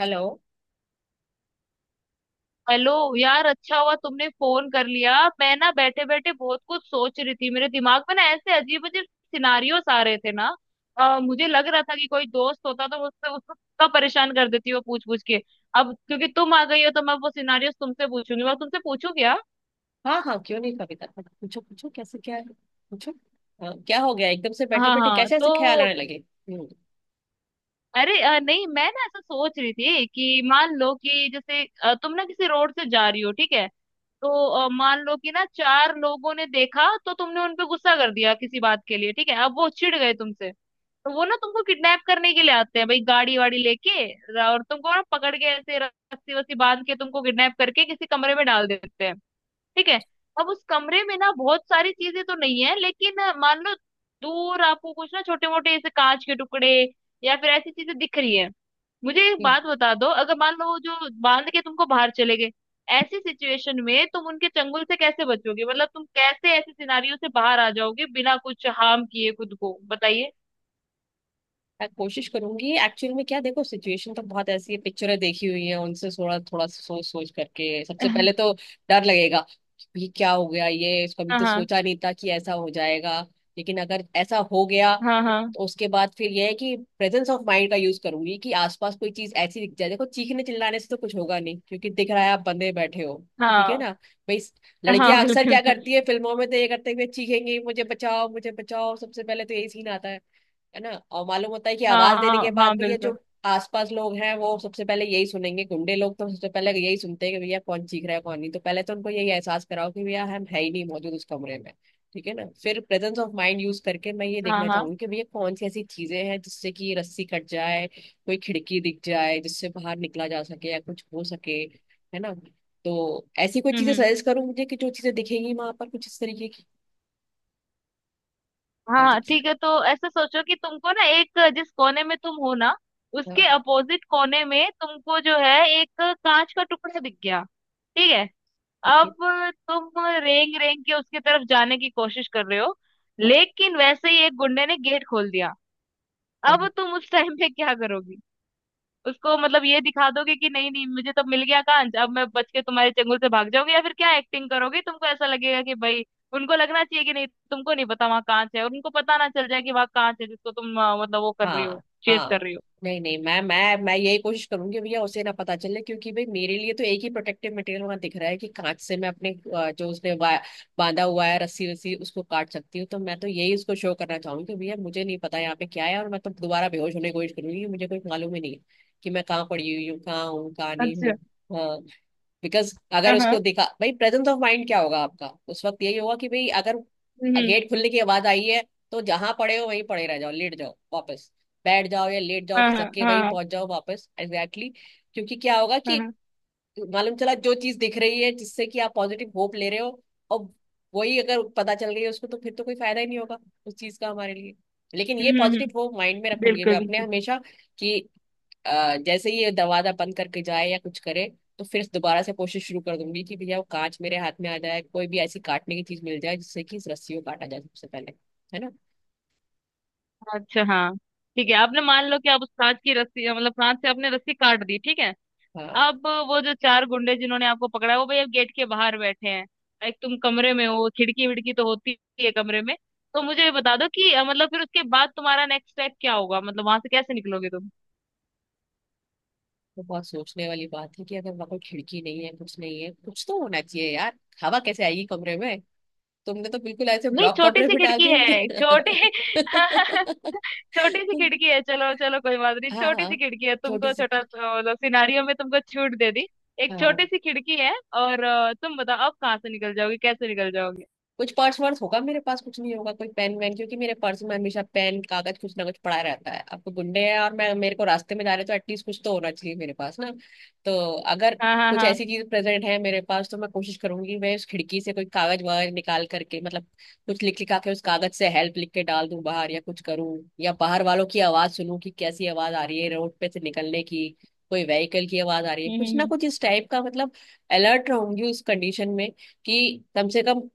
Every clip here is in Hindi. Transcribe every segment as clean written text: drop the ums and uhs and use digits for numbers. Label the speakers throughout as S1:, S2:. S1: हेलो।
S2: हेलो यार, अच्छा हुआ तुमने फोन कर लिया। मैं ना बैठे बैठे बहुत कुछ सोच रही थी। मेरे दिमाग में ना ऐसे अजीब अजीब सिनारियोस आ रहे थे ना। मुझे लग रहा था कि कोई दोस्त होता तो मुझसे उसको कब परेशान कर देती वो पूछ पूछ के। अब क्योंकि तुम आ गई हो तो मैं वो सिनारियोस तुमसे पूछूंगी, मैं तुमसे पूछू क्या?
S1: हाँ हाँ, क्यों नहीं कविता, पूछो पूछो कैसे क्या है, पूछो। हाँ, क्या हो गया एकदम से बैठे
S2: हाँ
S1: बैठे
S2: हाँ,
S1: कैसे ऐसे ख्याल
S2: तो
S1: आने लगे। हम्म।
S2: अरे नहीं, मैं ना ऐसा सोच रही थी कि मान लो कि जैसे तुम ना किसी रोड से जा रही हो, ठीक है? तो मान लो कि ना चार लोगों ने देखा तो तुमने उन पे गुस्सा कर दिया किसी बात के लिए, ठीक है? अब वो चिढ़ गए तुमसे, तो वो ना तुमको किडनैप करने के लिए आते हैं भाई, गाड़ी वाड़ी लेके, और तुमको ना पकड़ के ऐसे रस्सी वस्सी बांध के तुमको किडनैप करके किसी कमरे में डाल देते हैं, ठीक है? अब उस कमरे में ना बहुत सारी चीजें तो नहीं है, लेकिन मान लो दूर आपको कुछ ना छोटे मोटे ऐसे कांच के टुकड़े या फिर ऐसी चीजें दिख रही है। मुझे एक
S1: ये,
S2: बात बता दो, अगर मान लो वो जो बांध के तुमको बाहर चले गए, ऐसी सिचुएशन में तुम उनके चंगुल से कैसे बचोगे? मतलब तुम कैसे ऐसे सिनारियों से बाहर आ जाओगे बिना कुछ हार्म किए खुद को, बताइए।
S1: मैं कोशिश करूंगी एक्चुअल में क्या, देखो सिचुएशन तो बहुत ऐसी है, पिक्चरें देखी हुई है उनसे थोड़ा थोड़ा सोच सोच करके सबसे पहले तो डर लगेगा। ये क्या हो गया, ये कभी
S2: हाँ
S1: तो
S2: हाँ
S1: सोचा नहीं था कि ऐसा हो जाएगा, लेकिन अगर ऐसा हो गया
S2: हाँ।
S1: तो उसके बाद फिर यह है कि प्रेजेंस ऑफ माइंड का यूज करूंगी कि आसपास कोई चीज ऐसी दिख जाए। देखो चीखने चिल्लाने से तो कुछ होगा नहीं क्योंकि दिख रहा है आप बंदे बैठे हो। ठीक है
S2: हाँ
S1: ना भाई।
S2: हाँ, हाँ
S1: लड़कियां अक्सर क्या
S2: बिल्कुल।
S1: करती है फिल्मों में, तो ये करते हुए चीखेंगी, मुझे बचाओ मुझे बचाओ, सबसे पहले तो यही सीन आता है। है ना, और मालूम होता है कि
S2: हाँ
S1: आवाज देने के
S2: हाँ
S1: बाद
S2: हाँ,
S1: भी ये
S2: बिल्कुल।
S1: जो आसपास लोग हैं वो सबसे पहले यही सुनेंगे। गुंडे लोग तो सबसे पहले यही सुनते हैं कि भैया कौन चीख रहा है कौन नहीं, तो पहले तो उनको यही एहसास कराओ कि भैया हम है ही नहीं मौजूद उस कमरे में। ठीक है ना। फिर प्रेजेंस ऑफ माइंड यूज करके मैं ये
S2: हाँ
S1: देखना
S2: हाँ।
S1: चाहूंगी कि भैया कौन सी ऐसी चीजें हैं जिससे कि ये रस्सी कट जाए, कोई खिड़की दिख जाए जिससे बाहर निकला जा सके या कुछ हो सके। है ना। तो ऐसी कोई चीजें
S2: हम्म।
S1: सजेस्ट करूँ मुझे, कि जो चीजें दिखेंगी वहां पर कुछ इस तरीके की। हाँ,
S2: हाँ ठीक है, तो ऐसा सोचो कि तुमको ना एक जिस कोने में तुम हो ना, उसके
S1: हाँ,
S2: अपोजिट कोने में तुमको जो है एक कांच का टुकड़ा दिख गया, ठीक है?
S1: ठीक है।
S2: अब तुम रेंग रेंग के उसकी तरफ जाने की कोशिश कर रहे हो, लेकिन वैसे ही एक गुंडे ने गेट खोल दिया।
S1: हाँ,
S2: अब तुम उस टाइम पे क्या करोगी? उसको मतलब ये दिखा दोगे कि नहीं नहीं, मुझे तो मिल गया कांच, अब मैं बच के तुम्हारे चंगुल से भाग जाऊंगी, या फिर क्या एक्टिंग करोगे तुमको ऐसा लगेगा कि भाई उनको लगना चाहिए कि नहीं, तुमको नहीं पता वहाँ कांच है, और उनको पता ना चल जाए कि वहाँ कांच है जिसको तुम मतलब वो कर रही
S1: हाँ
S2: हो, चेस कर
S1: हाँ।
S2: रही हो।
S1: नहीं नहीं, मैं यही कोशिश करूंगी भैया उसे ना पता चले, क्योंकि भाई मेरे लिए तो एक ही प्रोटेक्टिव मटेरियल वहां दिख रहा है कि कांच से मैं अपने अ, जो उसने वा- बांधा हुआ है रस्सी वस्सी उसको काट सकती हूँ। तो मैं तो यही उसको शो करना चाहूंगी कि भैया मुझे नहीं पता यहाँ पे क्या है, और मैं तो दोबारा बेहोश होने की कोशिश करूंगी, मुझे कोई मालूम ही नहीं है कि मैं कहाँ पड़ी हुई हूँ, कहाँ हूँ, कहाँ नहीं
S2: अच्छा।
S1: हूँ। हाँ। बिकॉज अगर
S2: हाँ हाँ।
S1: उसको दिखा, भाई प्रेजेंस ऑफ माइंड क्या होगा आपका उस वक्त, यही होगा कि भाई अगर
S2: हम्म।
S1: गेट खुलने की आवाज आई है तो जहां पड़े हो वहीं पड़े रह जाओ, लेट जाओ वापस, बैठ जाओ या लेट जाओ,
S2: हाँ
S1: खिसक
S2: हाँ
S1: के वहीं
S2: हाँ
S1: पहुंच जाओ वापस, एग्जैक्टली क्योंकि क्या होगा
S2: हाँ
S1: कि
S2: हाँ,
S1: मालूम चला जो चीज दिख रही है जिससे कि आप पॉजिटिव होप ले रहे हो, और वही अगर पता चल गई है उसको तो फिर तो कोई फायदा ही नहीं होगा उस चीज का हमारे लिए। लेकिन ये
S2: हम्म।
S1: पॉजिटिव होप
S2: हम्म।
S1: माइंड में रखूंगी मैं
S2: बिल्कुल
S1: अपने
S2: बिल्कुल।
S1: हमेशा, कि जैसे ही ये दरवाजा बंद करके जाए या कुछ करे, तो फिर दोबारा से कोशिश शुरू कर दूंगी कि भैया वो कांच मेरे हाथ में आ जाए, कोई भी ऐसी काटने की चीज मिल जाए जिससे कि इस रस्सी को काटा जाए सबसे पहले। है ना।
S2: अच्छा हाँ, ठीक है। आपने मान लो कि आप उस कांच की रस्सी मतलब कांच से आपने रस्सी काट दी, ठीक है?
S1: हाँ,
S2: अब वो जो चार गुंडे जिन्होंने आपको पकड़ा है वो भाई अब गेट के बाहर बैठे हैं। एक तुम कमरे में हो, खिड़की विड़की तो होती ही है कमरे में। तो मुझे ये बता दो कि मतलब फिर उसके बाद तुम्हारा नेक्स्ट स्टेप क्या होगा? मतलब वहां से कैसे निकलोगे तुम?
S1: तो बहुत सोचने वाली बात है कि अगर वहां कोई खिड़की नहीं है, कुछ नहीं है, कुछ तो होना चाहिए यार। हवा कैसे आएगी कमरे में, तुमने तो बिल्कुल ऐसे
S2: नहीं,
S1: ब्लॉक
S2: छोटी
S1: कमरे
S2: सी
S1: में डाल
S2: खिड़की
S1: दिया
S2: है, छोटी।
S1: मुझे।
S2: छोटी सी खिड़की है, चलो चलो, कोई बात नहीं,
S1: हाँ
S2: छोटी
S1: हाँ,
S2: सी खिड़की है,
S1: छोटी
S2: तुमको
S1: सी।
S2: छोटा मतलब सिनारियो में तुमको छूट दे दी। एक छोटी
S1: हाँ,
S2: सी खिड़की है, और तुम बताओ अब कहाँ से निकल जाओगे, कैसे निकल जाओगे?
S1: कुछ पर्स वर्स होगा मेरे पास, कुछ नहीं होगा कोई पेन वेन, क्योंकि मेरे पर्स में हमेशा पेन कागज कुछ ना कुछ पड़ा रहता है। अब तो गुंडे हैं और मैं, मेरे को रास्ते में जा रहे तो एटलीस्ट कुछ तो होना चाहिए मेरे पास ना। तो अगर
S2: हाँ हाँ
S1: कुछ
S2: हाँ।
S1: ऐसी चीज प्रेजेंट है मेरे पास तो मैं कोशिश करूंगी, मैं उस खिड़की से कोई कागज वागज निकाल करके, मतलब कुछ लिख लिखा के उस कागज से हेल्प लिख के डाल दूं बाहर, या कुछ करूं, या बाहर वालों की आवाज सुनूं कि कैसी आवाज आ रही है रोड पे से निकलने की, कोई व्हीकल की आवाज आ रही है, कुछ ना
S2: हम्म।
S1: कुछ इस टाइप का। मतलब अलर्ट रहूंगी उस कंडीशन में कि कम से कम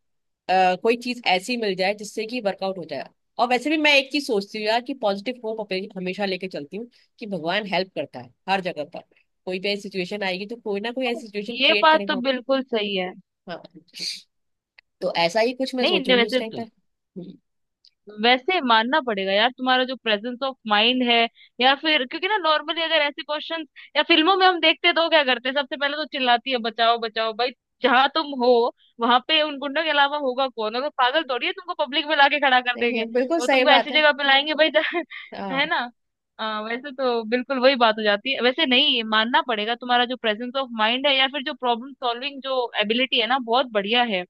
S1: कोई चीज ऐसी मिल जाए जिससे कि वर्कआउट हो जाए। और वैसे भी मैं एक चीज सोचती हूँ यार, कि पॉजिटिव होप हमेशा लेके चलती हूँ कि भगवान हेल्प करता है हर जगह पर, कोई भी ऐसी सिचुएशन आएगी तो कोई ना कोई
S2: हम्म।
S1: ऐसी सिचुएशन
S2: ये
S1: क्रिएट
S2: बात तो
S1: करेगा।
S2: बिल्कुल सही है।
S1: हाँ, तो ऐसा ही कुछ मैं
S2: नहीं नहीं,
S1: सोचूंगी उस
S2: वैसे
S1: टाइम पर।
S2: तो वैसे मानना पड़ेगा यार, तुम्हारा जो प्रेजेंस ऑफ माइंड है, या फिर क्योंकि ना नॉर्मली अगर ऐसे क्वेश्चंस या फिल्मों में हम देखते हैं तो वो क्या करते हैं, सबसे पहले तो चिल्लाती है, बचाओ बचाओ। भाई जहां तुम हो वहां पे उन गुंडों के अलावा होगा कौन? अगर पागल थोड़ी है तुमको पब्लिक में लाके खड़ा कर देंगे,
S1: नहीं, बिल्कुल
S2: वो
S1: सही
S2: तुमको
S1: बात
S2: ऐसी
S1: है।
S2: जगह पे लाएंगे भाई जहाँ- है
S1: हाँ,
S2: ना। वैसे तो बिल्कुल वही बात हो जाती है वैसे। नहीं, मानना पड़ेगा तुम्हारा जो प्रेजेंस ऑफ माइंड है या फिर जो प्रॉब्लम सॉल्विंग जो एबिलिटी है ना, बहुत बढ़िया है।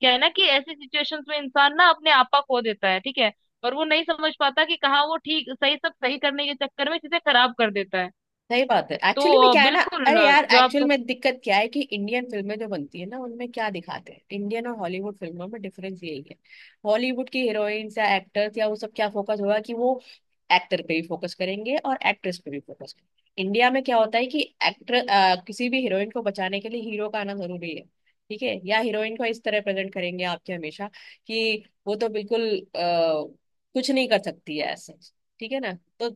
S2: क्या है ना कि ऐसी सिचुएशंस में इंसान ना अपने आपा खो देता है, ठीक है, और वो नहीं समझ पाता कि कहाँ वो ठीक, सही सब सही करने के चक्कर में चीजें खराब कर देता है।
S1: सही बात है
S2: तो
S1: एक्चुअली में, क्या है ना,
S2: बिल्कुल
S1: अरे यार
S2: जो
S1: एक्चुअल
S2: आप-
S1: में दिक्कत क्या है कि इंडियन फिल्में जो बनती है ना उनमें क्या दिखाते हैं, इंडियन और हॉलीवुड फिल्मों में डिफरेंस यही है। हॉलीवुड की हीरोइंस या एक्टर्स या वो सब, क्या फोकस होगा कि वो एक्टर पे भी फोकस करेंगे और एक्ट्रेस पे भी फोकस करेंगे। इंडिया में क्या होता है कि एक्टर, किसी भी हीरोइन को बचाने के लिए हीरो का आना जरूरी है। ठीक है, या हीरोइन को इस तरह प्रेजेंट करेंगे आपके हमेशा कि वो तो बिल्कुल अ, कुछ नहीं कर सकती है, ऐसा। ठीक है ना। तो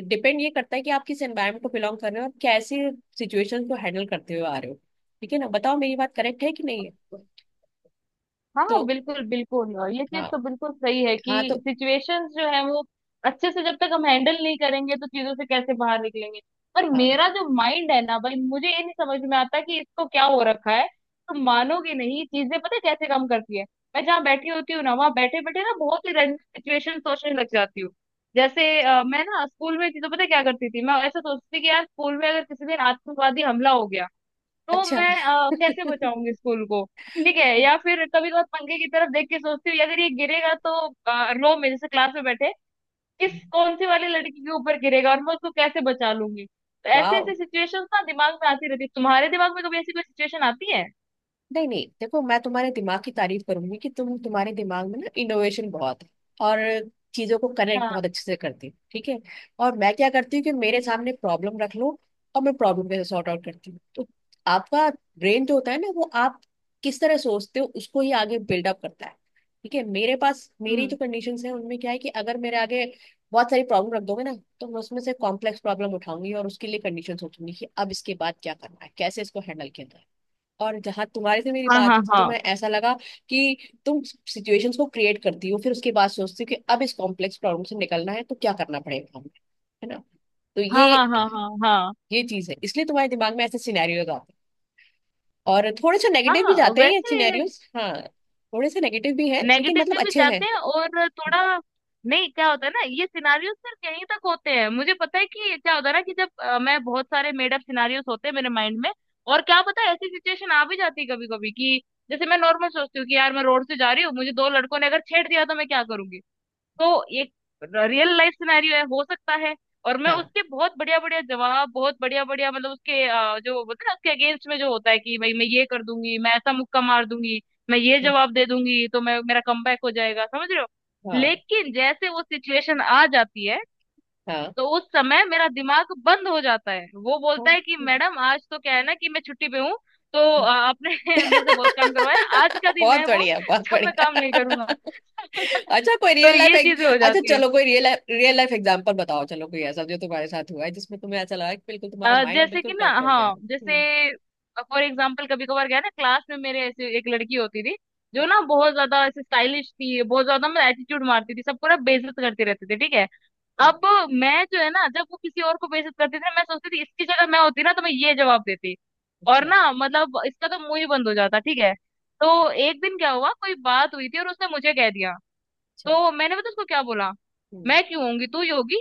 S1: डिपेंड ये करता है कि आप किस एनवायरमेंट को बिलोंग कर रहे हो, और कैसे सिचुएशन को हैंडल करते हुए आ रहे हो। ठीक है ना, बताओ मेरी बात करेक्ट है कि नहीं है।
S2: हाँ
S1: तो
S2: हाँ, बिल्कुल बिल्कुल। ये चीज
S1: हाँ
S2: तो बिल्कुल सही है
S1: हाँ, तो
S2: कि सिचुएशंस जो है वो अच्छे से जब तक हम हैंडल नहीं करेंगे तो चीजों से कैसे बाहर निकलेंगे। पर
S1: हाँ।
S2: मेरा जो माइंड है ना भाई, मुझे ये नहीं समझ में आता कि इसको क्या हो रखा है। तुम मानोगे नहीं, चीजें पता है कैसे काम करती है। मैं जहाँ बैठी होती हूँ ना, वहां बैठे बैठे ना बहुत ही रैंडम सिचुएशन सोचने लग जाती हूँ। जैसे मैं ना स्कूल में चीजों पता है क्या करती थी, मैं ऐसा सोचती थी कि यार स्कूल में अगर किसी दिन आतंकवादी हमला हो गया तो
S1: अच्छा।
S2: मैं कैसे बचाऊंगी स्कूल को, ठीक है? या फिर कभी कभार पंखे की तरफ देख के सोचती हूँ अगर ये गिरेगा तो रो में जैसे क्लास में बैठे किस, कौन सी वाली लड़की के ऊपर गिरेगा और मैं उसको कैसे बचा लूंगी। तो ऐसे
S1: वाह।
S2: ऐसे सिचुएशंस ना दिमाग में आती रहती है। तुम्हारे दिमाग में कभी ऐसी कोई सिचुएशन आती है?
S1: नहीं नहीं देखो, मैं तुम्हारे दिमाग की तारीफ करूंगी कि तुम, तुम्हारे दिमाग में ना इनोवेशन बहुत है, और चीजों को कनेक्ट
S2: हाँ।
S1: बहुत अच्छे से करती हो। ठीक है, और मैं क्या करती हूँ कि मेरे
S2: हम्म।
S1: सामने प्रॉब्लम रख लो, और मैं प्रॉब्लम कैसे सॉर्ट आउट करती हूँ, तो आपका ब्रेन जो होता है ना वो आप किस तरह सोचते हो उसको ही आगे बिल्डअप करता है। ठीक है, मेरे पास मेरी जो
S2: हम्म।
S1: कंडीशन है उनमें क्या है कि अगर मेरे आगे बहुत सारी प्रॉब्लम रख दोगे ना, तो मैं उसमें से कॉम्प्लेक्स प्रॉब्लम उठाऊंगी और उसके लिए कंडीशन सोचूंगी कि अब इसके बाद क्या करना है, कैसे इसको हैंडल किया जाए। और जहां तुम्हारे से मेरी
S2: हाँ
S1: बात
S2: हाँ
S1: हुई थी तो
S2: हाँ
S1: मैं, ऐसा लगा कि तुम सिचुएशंस को क्रिएट करती हो, फिर उसके बाद सोचती हो कि अब इस कॉम्प्लेक्स प्रॉब्लम से निकलना है तो क्या करना पड़ेगा हमें। है ना। तो
S2: हाँ
S1: ये
S2: हाँ, हाँ हाँ हाँ
S1: ये चीज है, इसलिए तुम्हारे दिमाग में ऐसे सिनेरियोज आते हैं, और थोड़े से
S2: हाँ
S1: नेगेटिव भी
S2: हाँ,
S1: जाते हैं ये
S2: वैसे
S1: सिनेरियोज, हाँ। थोड़े से नेगेटिव भी हैं लेकिन मतलब
S2: नेगेटिव भी
S1: अच्छे
S2: जाते
S1: हैं।
S2: हैं और थोड़ा, नहीं क्या होता है ना, ये सिनारियोस सिर्फ यहीं तक होते हैं। मुझे पता है कि क्या होता है ना कि जब मैं, बहुत सारे मेड अप सिनारियोस होते हैं मेरे माइंड में, और क्या पता ऐसी सिचुएशन आ भी जाती है कभी कभी कि जैसे मैं नॉर्मल सोचती हूँ कि यार मैं रोड से जा रही हूँ मुझे दो लड़कों ने अगर छेड़ दिया तो मैं क्या करूंगी, तो ये रियल लाइफ सिनेरियो है, हो सकता है। और मैं
S1: हाँ
S2: उसके बहुत बढ़िया बढ़िया जवाब, बहुत बढ़िया बढ़िया मतलब उसके जो होता है ना, उसके अगेंस्ट में जो होता है कि भाई मैं ये कर दूंगी, मैं ऐसा मुक्का मार दूंगी, मैं ये जवाब दे दूंगी, तो मैं मेरा कमबैक हो जाएगा, समझ रहे हो?
S1: हाँ
S2: लेकिन जैसे वो सिचुएशन आ जाती है,
S1: हाँ
S2: तो उस समय मेरा दिमाग बंद हो जाता है, वो
S1: हाँ।
S2: बोलता है कि मैडम आज तो क्या है ना कि मैं छुट्टी पे हूँ, तो आपने मेरे से बहुत काम करवाया, आज का दिन
S1: बहुत
S2: है वो
S1: बढ़िया, बहुत
S2: जब मैं
S1: बढ़िया।
S2: काम नहीं करूंगा।
S1: अच्छा कोई
S2: तो
S1: रियल लाइफ,
S2: ये चीजें हो
S1: अच्छा
S2: जाती है।
S1: चलो कोई रियल रियल लाइफ एग्जांपल बताओ, चलो कोई ऐसा जो तुम्हारे साथ हुआ है जिसमें तुम्हें ऐसा लगा कि बिल्कुल तुम्हारा माइंड
S2: जैसे
S1: बिल्कुल
S2: कि ना,
S1: प्लफ्ट हो गया है।
S2: हाँ जैसे फॉर एग्जाम्पल कभी कभार क्या है ना, क्लास में मेरे ऐसे एक लड़की होती थी जो
S1: हम्म,
S2: ना बहुत ज्यादा ऐसे स्टाइलिश थी, बहुत ज्यादा मैं एटीट्यूड मारती थी, सबको ना बेइज्जत करती रहती थी, ठीक है?
S1: हम्म,
S2: अब मैं जो है ना, जब वो किसी और को बेइज्जत करती थी ना, मैं सोचती थी इसकी जगह मैं होती ना तो मैं ये जवाब देती और
S1: अच्छा।
S2: ना मतलब इसका तो मुंह ही बंद हो जाता, ठीक है? तो एक दिन क्या हुआ, कोई बात हुई थी और उसने मुझे कह दिया,
S1: अच्छा।
S2: तो मैंने पता उसको क्या बोला,
S1: हम्म,
S2: मैं क्यों होंगी तू ही होगी,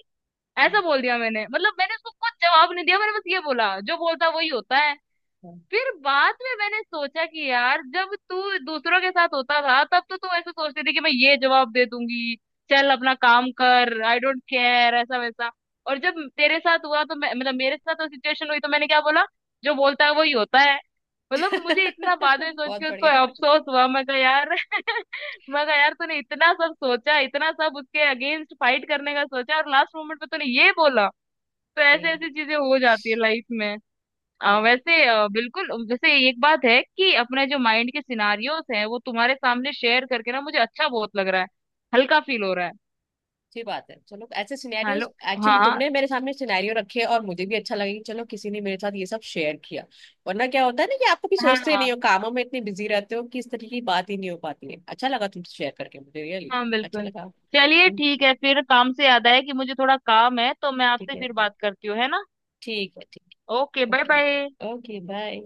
S1: हम्म,
S2: ऐसा बोल दिया मैंने। मतलब मैंने उसको कुछ जवाब नहीं दिया, मैंने बस ये बोला जो बोलता वही होता है।
S1: हाँ।
S2: फिर बाद में मैंने सोचा कि यार जब तू दूसरों के साथ होता था तब तो तू ऐसे सोचती थी कि मैं ये जवाब दे दूंगी, चल अपना काम कर, आई डोंट केयर, ऐसा वैसा, और जब तेरे साथ हुआ तो मैं मतलब मेरे साथ वो सिचुएशन हुई तो मैंने क्या बोला, जो बोलता है वही होता है। मतलब मुझे इतना बाद में सोच
S1: बहुत
S2: के उसको
S1: बढ़िया।
S2: अफसोस हुआ, मैं कहा यार, मैं कहा यार तूने इतना सब सोचा, इतना सब उसके अगेंस्ट फाइट करने का सोचा और लास्ट मोमेंट पे तूने ये बोला। तो
S1: ओके।
S2: ऐसे ऐसी चीजें हो जाती है लाइफ में। वैसे बिल्कुल, वैसे एक बात है कि अपने जो माइंड के सिनारियोस हैं वो तुम्हारे सामने शेयर करके ना मुझे अच्छा बहुत लग रहा है, हल्का फील हो रहा है।
S1: अच्छी बात है। चलो ऐसे सिनेरियोस,
S2: हेलो।
S1: एक्चुअली
S2: हाँ।
S1: तुमने मेरे सामने सिनेरियो रखे और मुझे भी अच्छा लगा कि चलो किसी ने मेरे साथ ये सब शेयर किया। वरना क्या होता है ना कि आप कभी
S2: हाँ
S1: सोचते
S2: हाँ
S1: ही
S2: हाँ।
S1: नहीं हो, कामों में इतने बिजी रहते हो कि इस तरीके की बात ही नहीं हो पाती है। अच्छा लगा तुमसे शेयर करके मुझे, रियली
S2: हाँ,
S1: अच्छा
S2: बिल्कुल।
S1: लगा।
S2: चलिए ठीक है, फिर काम से याद आया कि मुझे थोड़ा काम है, तो मैं
S1: ठीक
S2: आपसे
S1: है।
S2: फिर बात करती हूँ, है ना?
S1: ठीक है ठीक
S2: ओके,
S1: है।
S2: Bye bye.
S1: Okay okay bye.